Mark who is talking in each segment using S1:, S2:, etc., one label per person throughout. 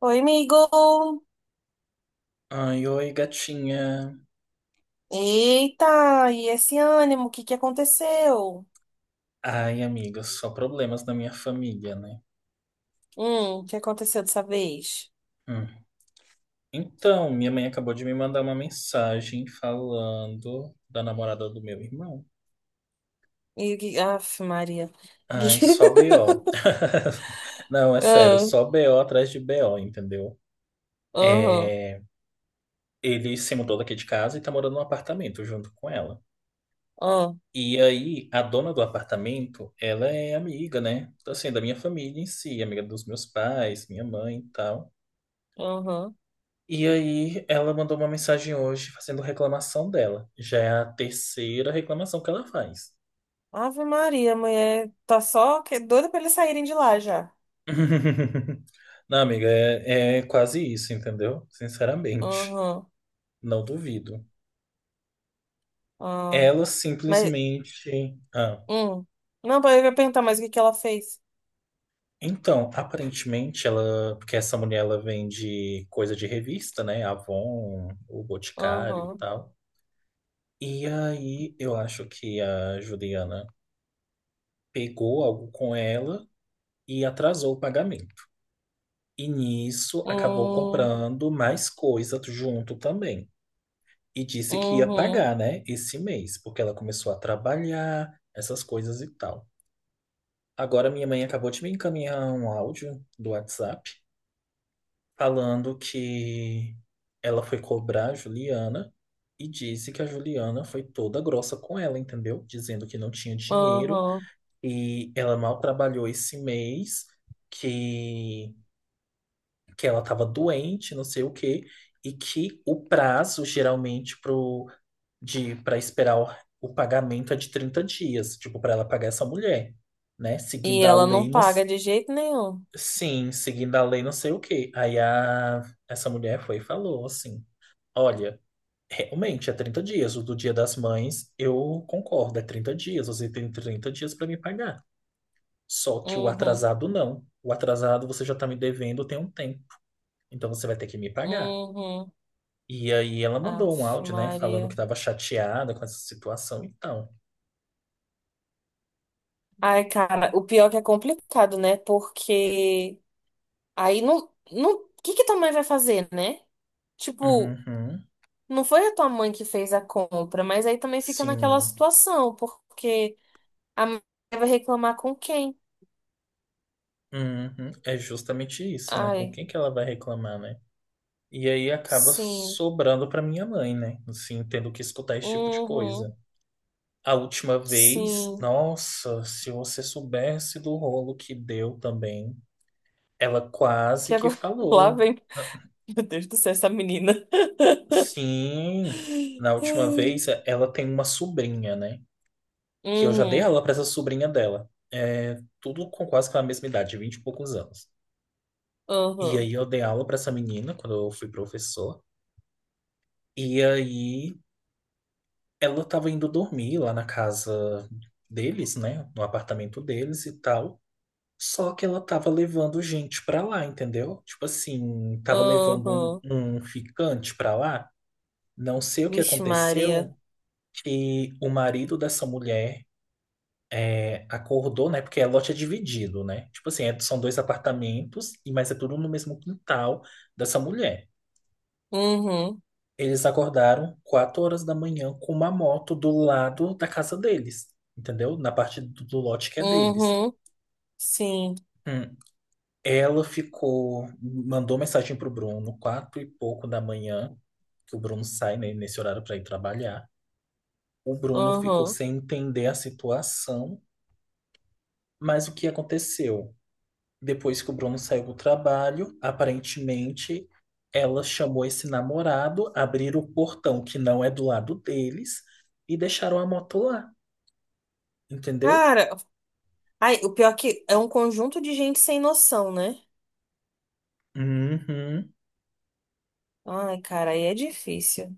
S1: Oi, amigo!
S2: Ai, oi, gatinha.
S1: Eita, e esse ânimo, o que que aconteceu?
S2: Ai, amiga, só problemas na minha família, né?
S1: O que aconteceu dessa vez?
S2: Hum. Então, minha mãe acabou de me mandar uma mensagem falando da namorada do meu irmão.
S1: Aff, Maria.
S2: Ai, só BO. Não, é sério,
S1: Ah,
S2: só BO atrás de BO, entendeu?
S1: aham,
S2: É, ele se mudou daqui de casa e tá morando num apartamento junto com ela.
S1: ah,
S2: E aí, a dona do apartamento, ela é amiga, né? Assim, da minha família em si, amiga dos meus pais, minha mãe e tal.
S1: aham.
S2: E aí, ela mandou uma mensagem hoje fazendo reclamação dela. Já é a terceira reclamação que ela faz.
S1: Ave Maria, mulher, tá só que doida pra eles saírem de lá já.
S2: Não, amiga, é quase isso, entendeu? Sinceramente,
S1: Aham,
S2: não duvido.
S1: ah.
S2: Ela
S1: Mas,
S2: simplesmente.
S1: hum. Não, eu ia perguntar mais o que que ela fez.
S2: Então, aparentemente, ela. Porque essa mulher ela vende coisa de revista, né? Avon, o Boticário e
S1: Aham,
S2: tal. E aí, eu acho que a Juliana pegou algo com ela e atrasou o pagamento. E nisso acabou
S1: uhum,
S2: comprando mais coisa junto também. E disse que ia
S1: uhum,
S2: pagar, né, esse mês, porque ela começou a trabalhar, essas coisas e tal. Agora minha mãe acabou de me encaminhar um áudio do WhatsApp falando que ela foi cobrar a Juliana e disse que a Juliana foi toda grossa com ela, entendeu? Dizendo que não tinha dinheiro
S1: aham.
S2: e ela mal trabalhou esse mês, que que ela estava doente, não sei o quê, e que o prazo geralmente pro, de para esperar o pagamento é de 30 dias, tipo, para ela pagar essa mulher, né?
S1: E
S2: Seguindo a
S1: ela não
S2: lei no,
S1: paga de jeito nenhum.
S2: sim, seguindo a lei não sei o quê. Essa mulher foi e falou assim: "Olha, realmente é 30 dias, o do Dia das Mães, eu concordo, é 30 dias, você tem trinta dias para me pagar. Só que o
S1: Uhum.
S2: atrasado não. O atrasado você já está me devendo tem um tempo. Então você vai ter que me pagar.
S1: Uhum.
S2: E aí ela mandou um
S1: Aff,
S2: áudio, né, falando que
S1: Maria.
S2: estava chateada com essa situação e tal.
S1: Ai, cara, o pior é que é complicado, né? Porque aí não, não, o que que tua mãe vai fazer, né? Tipo,
S2: Uhum,
S1: não foi a tua mãe que fez a compra, mas aí também fica naquela
S2: sim.
S1: situação, porque a mãe vai reclamar com quem?
S2: Uhum, é justamente isso, né? Com
S1: Ai,
S2: quem que ela vai reclamar, né? E aí acaba
S1: sim.
S2: sobrando para minha mãe, né? Assim, tendo que escutar esse tipo de
S1: Uhum.
S2: coisa. A última vez,
S1: Sim.
S2: nossa, se você soubesse do rolo que deu também, ela quase
S1: Que
S2: que
S1: agora lá
S2: falou.
S1: vem.
S2: Ah,
S1: Meu Deus do céu, essa menina.
S2: sim, na última vez ela tem uma sobrinha, né? Que eu já dei
S1: Uhum.
S2: aula para essa sobrinha dela. É, tudo com quase que a mesma idade, vinte e poucos anos. E
S1: Uhum.
S2: aí eu dei aula para essa menina quando eu fui professor. E aí ela estava indo dormir lá na casa deles, né? No apartamento deles e tal. Só que ela tava levando gente pra lá, entendeu? Tipo assim, tava levando
S1: Uhum.
S2: um ficante pra lá. Não sei o que
S1: Vixe, Maria.
S2: aconteceu, que o marido dessa mulher é, acordou, né? Porque é lote é dividido, né? Tipo assim, são dois apartamentos, e mas é tudo no mesmo quintal dessa mulher.
S1: Uhum,
S2: Eles acordaram quatro horas da manhã com uma moto do lado da casa deles, entendeu? Na parte do lote que é deles.
S1: uhum, sim,
S2: Hum. Ela ficou, mandou mensagem pro Bruno, quatro e pouco da manhã, que o Bruno sai, né, nesse horário para ir trabalhar. O Bruno ficou
S1: uhum.
S2: sem entender a situação, mas o que aconteceu? Depois que o Bruno saiu do trabalho, aparentemente ela chamou esse namorado, abriram o portão que não é do lado deles e deixaram a moto lá, entendeu?
S1: Cara, ai, o pior é que é um conjunto de gente sem noção, né?
S2: Uhum.
S1: Ai, cara, aí é difícil.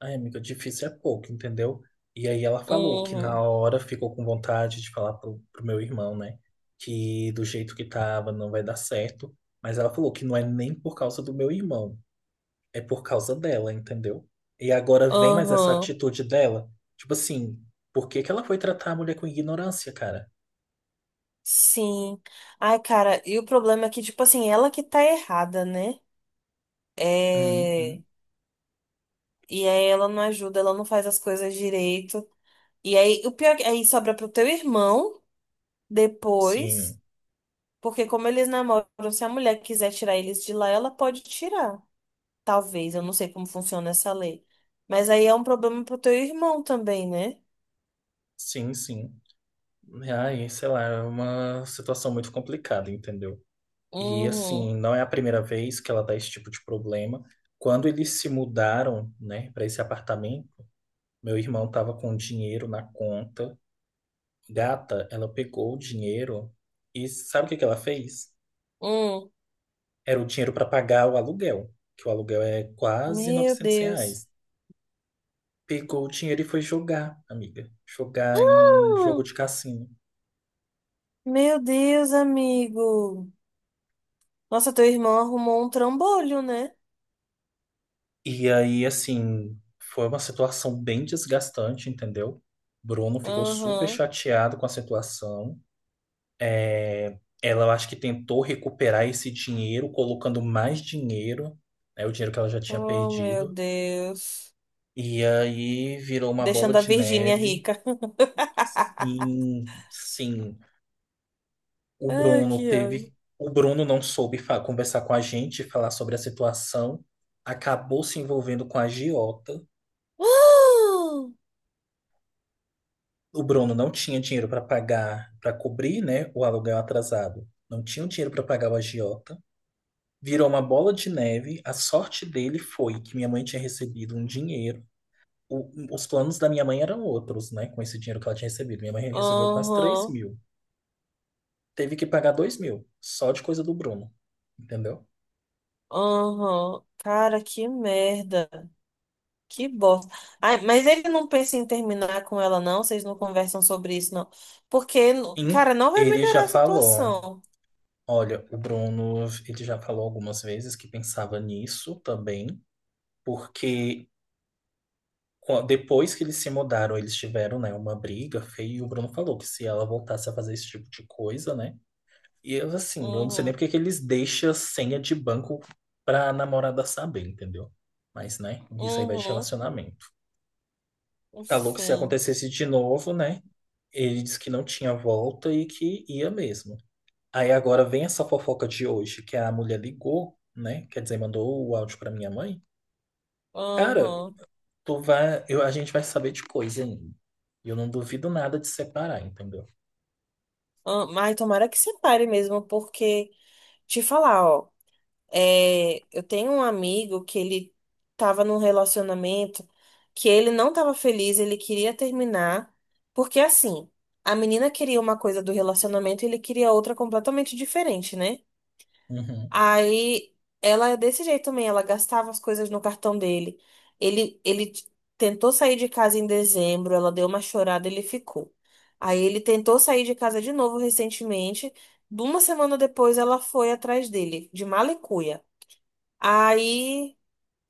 S2: Ai, amiga, difícil é pouco, entendeu? E aí ela falou que na
S1: Uhum,
S2: hora ficou com vontade de falar pro meu irmão, né? Que do jeito que tava não vai dar certo. Mas ela falou que não é nem por causa do meu irmão, é por causa dela, entendeu? E agora vem mais essa
S1: uhum,
S2: atitude dela. Tipo assim, por que que ela foi tratar a mulher com ignorância, cara?
S1: sim. Ai, cara, e o problema é que, tipo assim, ela que tá errada, né? É.
S2: Uhum.
S1: E aí ela não ajuda, ela não faz as coisas direito. E aí, o pior é que aí sobra pro teu irmão depois,
S2: Sim,
S1: porque como eles namoram, se a mulher quiser tirar eles de lá, ela pode tirar. Talvez, eu não sei como funciona essa lei. Mas aí é um problema pro teu irmão também, né?
S2: sim, sim. Ai, sei lá, é uma situação muito complicada, entendeu? E
S1: Uhum.
S2: assim, não é a primeira vez que ela dá esse tipo de problema. Quando eles se mudaram, né, para esse apartamento, meu irmão tava com dinheiro na conta. Gata, ela pegou o dinheiro e sabe o que que ela fez?
S1: Hum.
S2: Era o dinheiro para pagar o aluguel, que o aluguel é quase
S1: Meu
S2: 900
S1: Deus.
S2: reais. Pegou o dinheiro e foi jogar, amiga. Jogar em
S1: Ah!
S2: jogo de cassino.
S1: Meu Deus, amigo. Nossa, teu irmão arrumou um trambolho, né?
S2: E aí, assim, foi uma situação bem desgastante, entendeu? Bruno ficou super
S1: Aham.
S2: chateado com a situação. É, ela, eu acho que tentou recuperar esse dinheiro, colocando mais dinheiro, né, o dinheiro que ela já tinha
S1: Oh, meu
S2: perdido.
S1: Deus.
S2: E aí virou uma bola
S1: Deixando a
S2: de
S1: Virgínia
S2: neve.
S1: rica.
S2: Sim, sim. O
S1: Ai,
S2: Bruno
S1: que
S2: teve,
S1: ódio.
S2: o Bruno não soube conversar com a gente, falar sobre a situação, acabou se envolvendo com a agiota.
S1: Ah!
S2: O Bruno não tinha dinheiro para pagar, para cobrir, né, o aluguel atrasado. Não tinha o dinheiro para pagar o agiota. Virou uma bola de neve. A sorte dele foi que minha mãe tinha recebido um dinheiro. Os planos da minha mãe eram outros, né? Com esse dinheiro que ela tinha recebido. Minha mãe recebeu quase 3
S1: Aham.
S2: mil. Teve que pagar 2 mil, só de coisa do Bruno, entendeu?
S1: Aham. Cara, que merda. Que bosta. Ai, mas ele não pensa em terminar com ela, não? Vocês não conversam sobre isso, não? Porque,
S2: E
S1: cara, não vai
S2: ele já
S1: melhorar a
S2: falou.
S1: situação.
S2: Olha, o Bruno, ele já falou algumas vezes que pensava nisso também, porque depois que eles se mudaram, eles tiveram, né, uma briga feia, e o Bruno falou que se ela voltasse a fazer esse tipo de coisa, né? E eu, assim, eu não sei nem
S1: Uhum,
S2: porque que eles deixam a senha de banco pra namorada saber, entendeu? Mas, né, isso aí vai de
S1: uhum,
S2: relacionamento. Falou que se
S1: enfim.
S2: acontecesse de novo, né, ele disse que não tinha volta e que ia mesmo. Aí agora vem essa fofoca de hoje, que a mulher ligou, né? Quer dizer, mandou o áudio pra minha mãe. Cara,
S1: Uhum.
S2: a gente vai saber de coisa ainda. E eu não duvido nada de separar, entendeu?
S1: Ah, mas tomara que separe mesmo, porque, te falar, ó, é, eu tenho um amigo que ele tava num relacionamento que ele não tava feliz, ele queria terminar, porque assim, a menina queria uma coisa do relacionamento e ele queria outra completamente diferente, né?
S2: Uhum,
S1: Aí ela é desse jeito também, ela gastava as coisas no cartão dele. Ele, ele t- tentou sair de casa em dezembro, ela deu uma chorada, ele ficou. Aí ele tentou sair de casa de novo recentemente. De uma semana depois ela foi atrás dele, de mala e cuia. Aí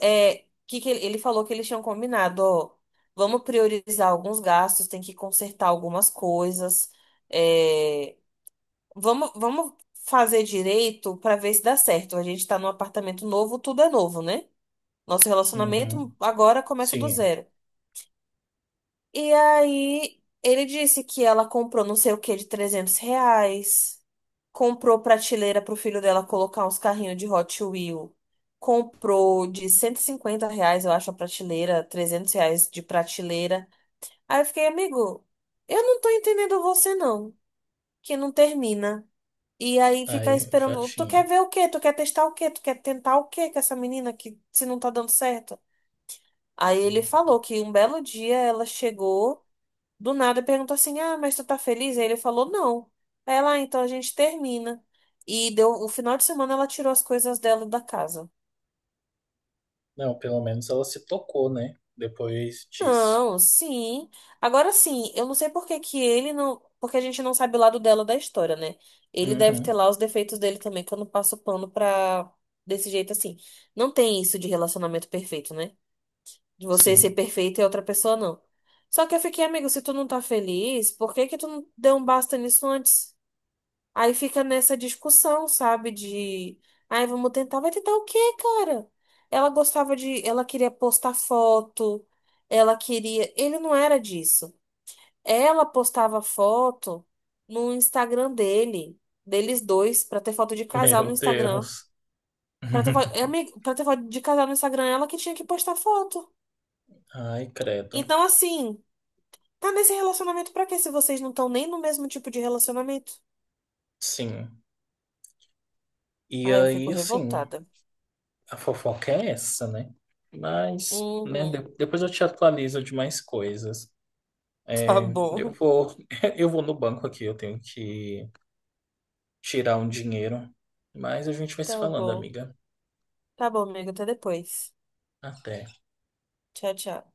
S1: é, que ele falou que eles tinham combinado, ó, vamos priorizar alguns gastos, tem que consertar algumas coisas. eh, vamos fazer direito pra ver se dá certo. A gente tá num apartamento novo, tudo é novo, né? Nosso relacionamento
S2: uhum.
S1: agora começa do
S2: Sim,
S1: zero. E aí, ele disse que ela comprou não sei o que de R$ 300, comprou prateleira pro filho dela colocar uns carrinhos de Hot Wheels, comprou de R$ 150, eu acho, a prateleira, R$ 300 de prateleira. Aí eu fiquei, amigo, eu não tô entendendo você não, que não termina. E aí fica
S2: aí eu já
S1: esperando. Tu quer
S2: tinha.
S1: ver o quê? Tu quer testar o quê? Tu quer tentar o quê com essa menina que se não tá dando certo? Aí ele falou que um belo dia ela chegou do nada e perguntou assim: Ah, mas tu tá feliz? Aí ele falou: Não. Aí lá, então a gente termina. E deu o final de semana ela tirou as coisas dela da casa.
S2: Não, pelo menos ela se tocou, né? Depois disso.
S1: Não, sim. Agora sim, eu não sei por que que ele não. Porque a gente não sabe o lado dela da história, né? Ele deve ter
S2: Uhum,
S1: lá os defeitos dele também, que eu não passo pano pra. Desse jeito assim. Não tem isso de relacionamento perfeito, né? De você ser
S2: sim.
S1: perfeito e a outra pessoa não. Só que eu fiquei, amigo, se tu não tá feliz, por que que tu não deu um basta nisso antes? Aí fica nessa discussão, sabe? De, ai, vamos tentar. Vai tentar o quê, cara? Ela gostava de, ela queria postar foto, ela queria. Ele não era disso. Ela postava foto no Instagram dele, deles dois, pra ter foto de casal no
S2: Meu
S1: Instagram.
S2: Deus.
S1: É, amigo, pra ter foto de casal no Instagram, ela que tinha que postar foto.
S2: Ai, credo.
S1: Então, assim, tá nesse relacionamento pra quê se vocês não estão nem no mesmo tipo de relacionamento?
S2: Sim. E
S1: Ai, eu fico
S2: aí, assim,
S1: revoltada.
S2: a fofoca é essa, né? Mas, né,
S1: Uhum,
S2: depois eu te atualizo de mais coisas.
S1: tá
S2: É, eu
S1: bom.
S2: vou, eu vou no banco aqui, eu tenho que tirar um dinheiro. Mas a gente vai se
S1: Tá
S2: falando,
S1: bom.
S2: amiga.
S1: Tá bom, amigo. Até depois.
S2: Até.
S1: Tchau, tchau.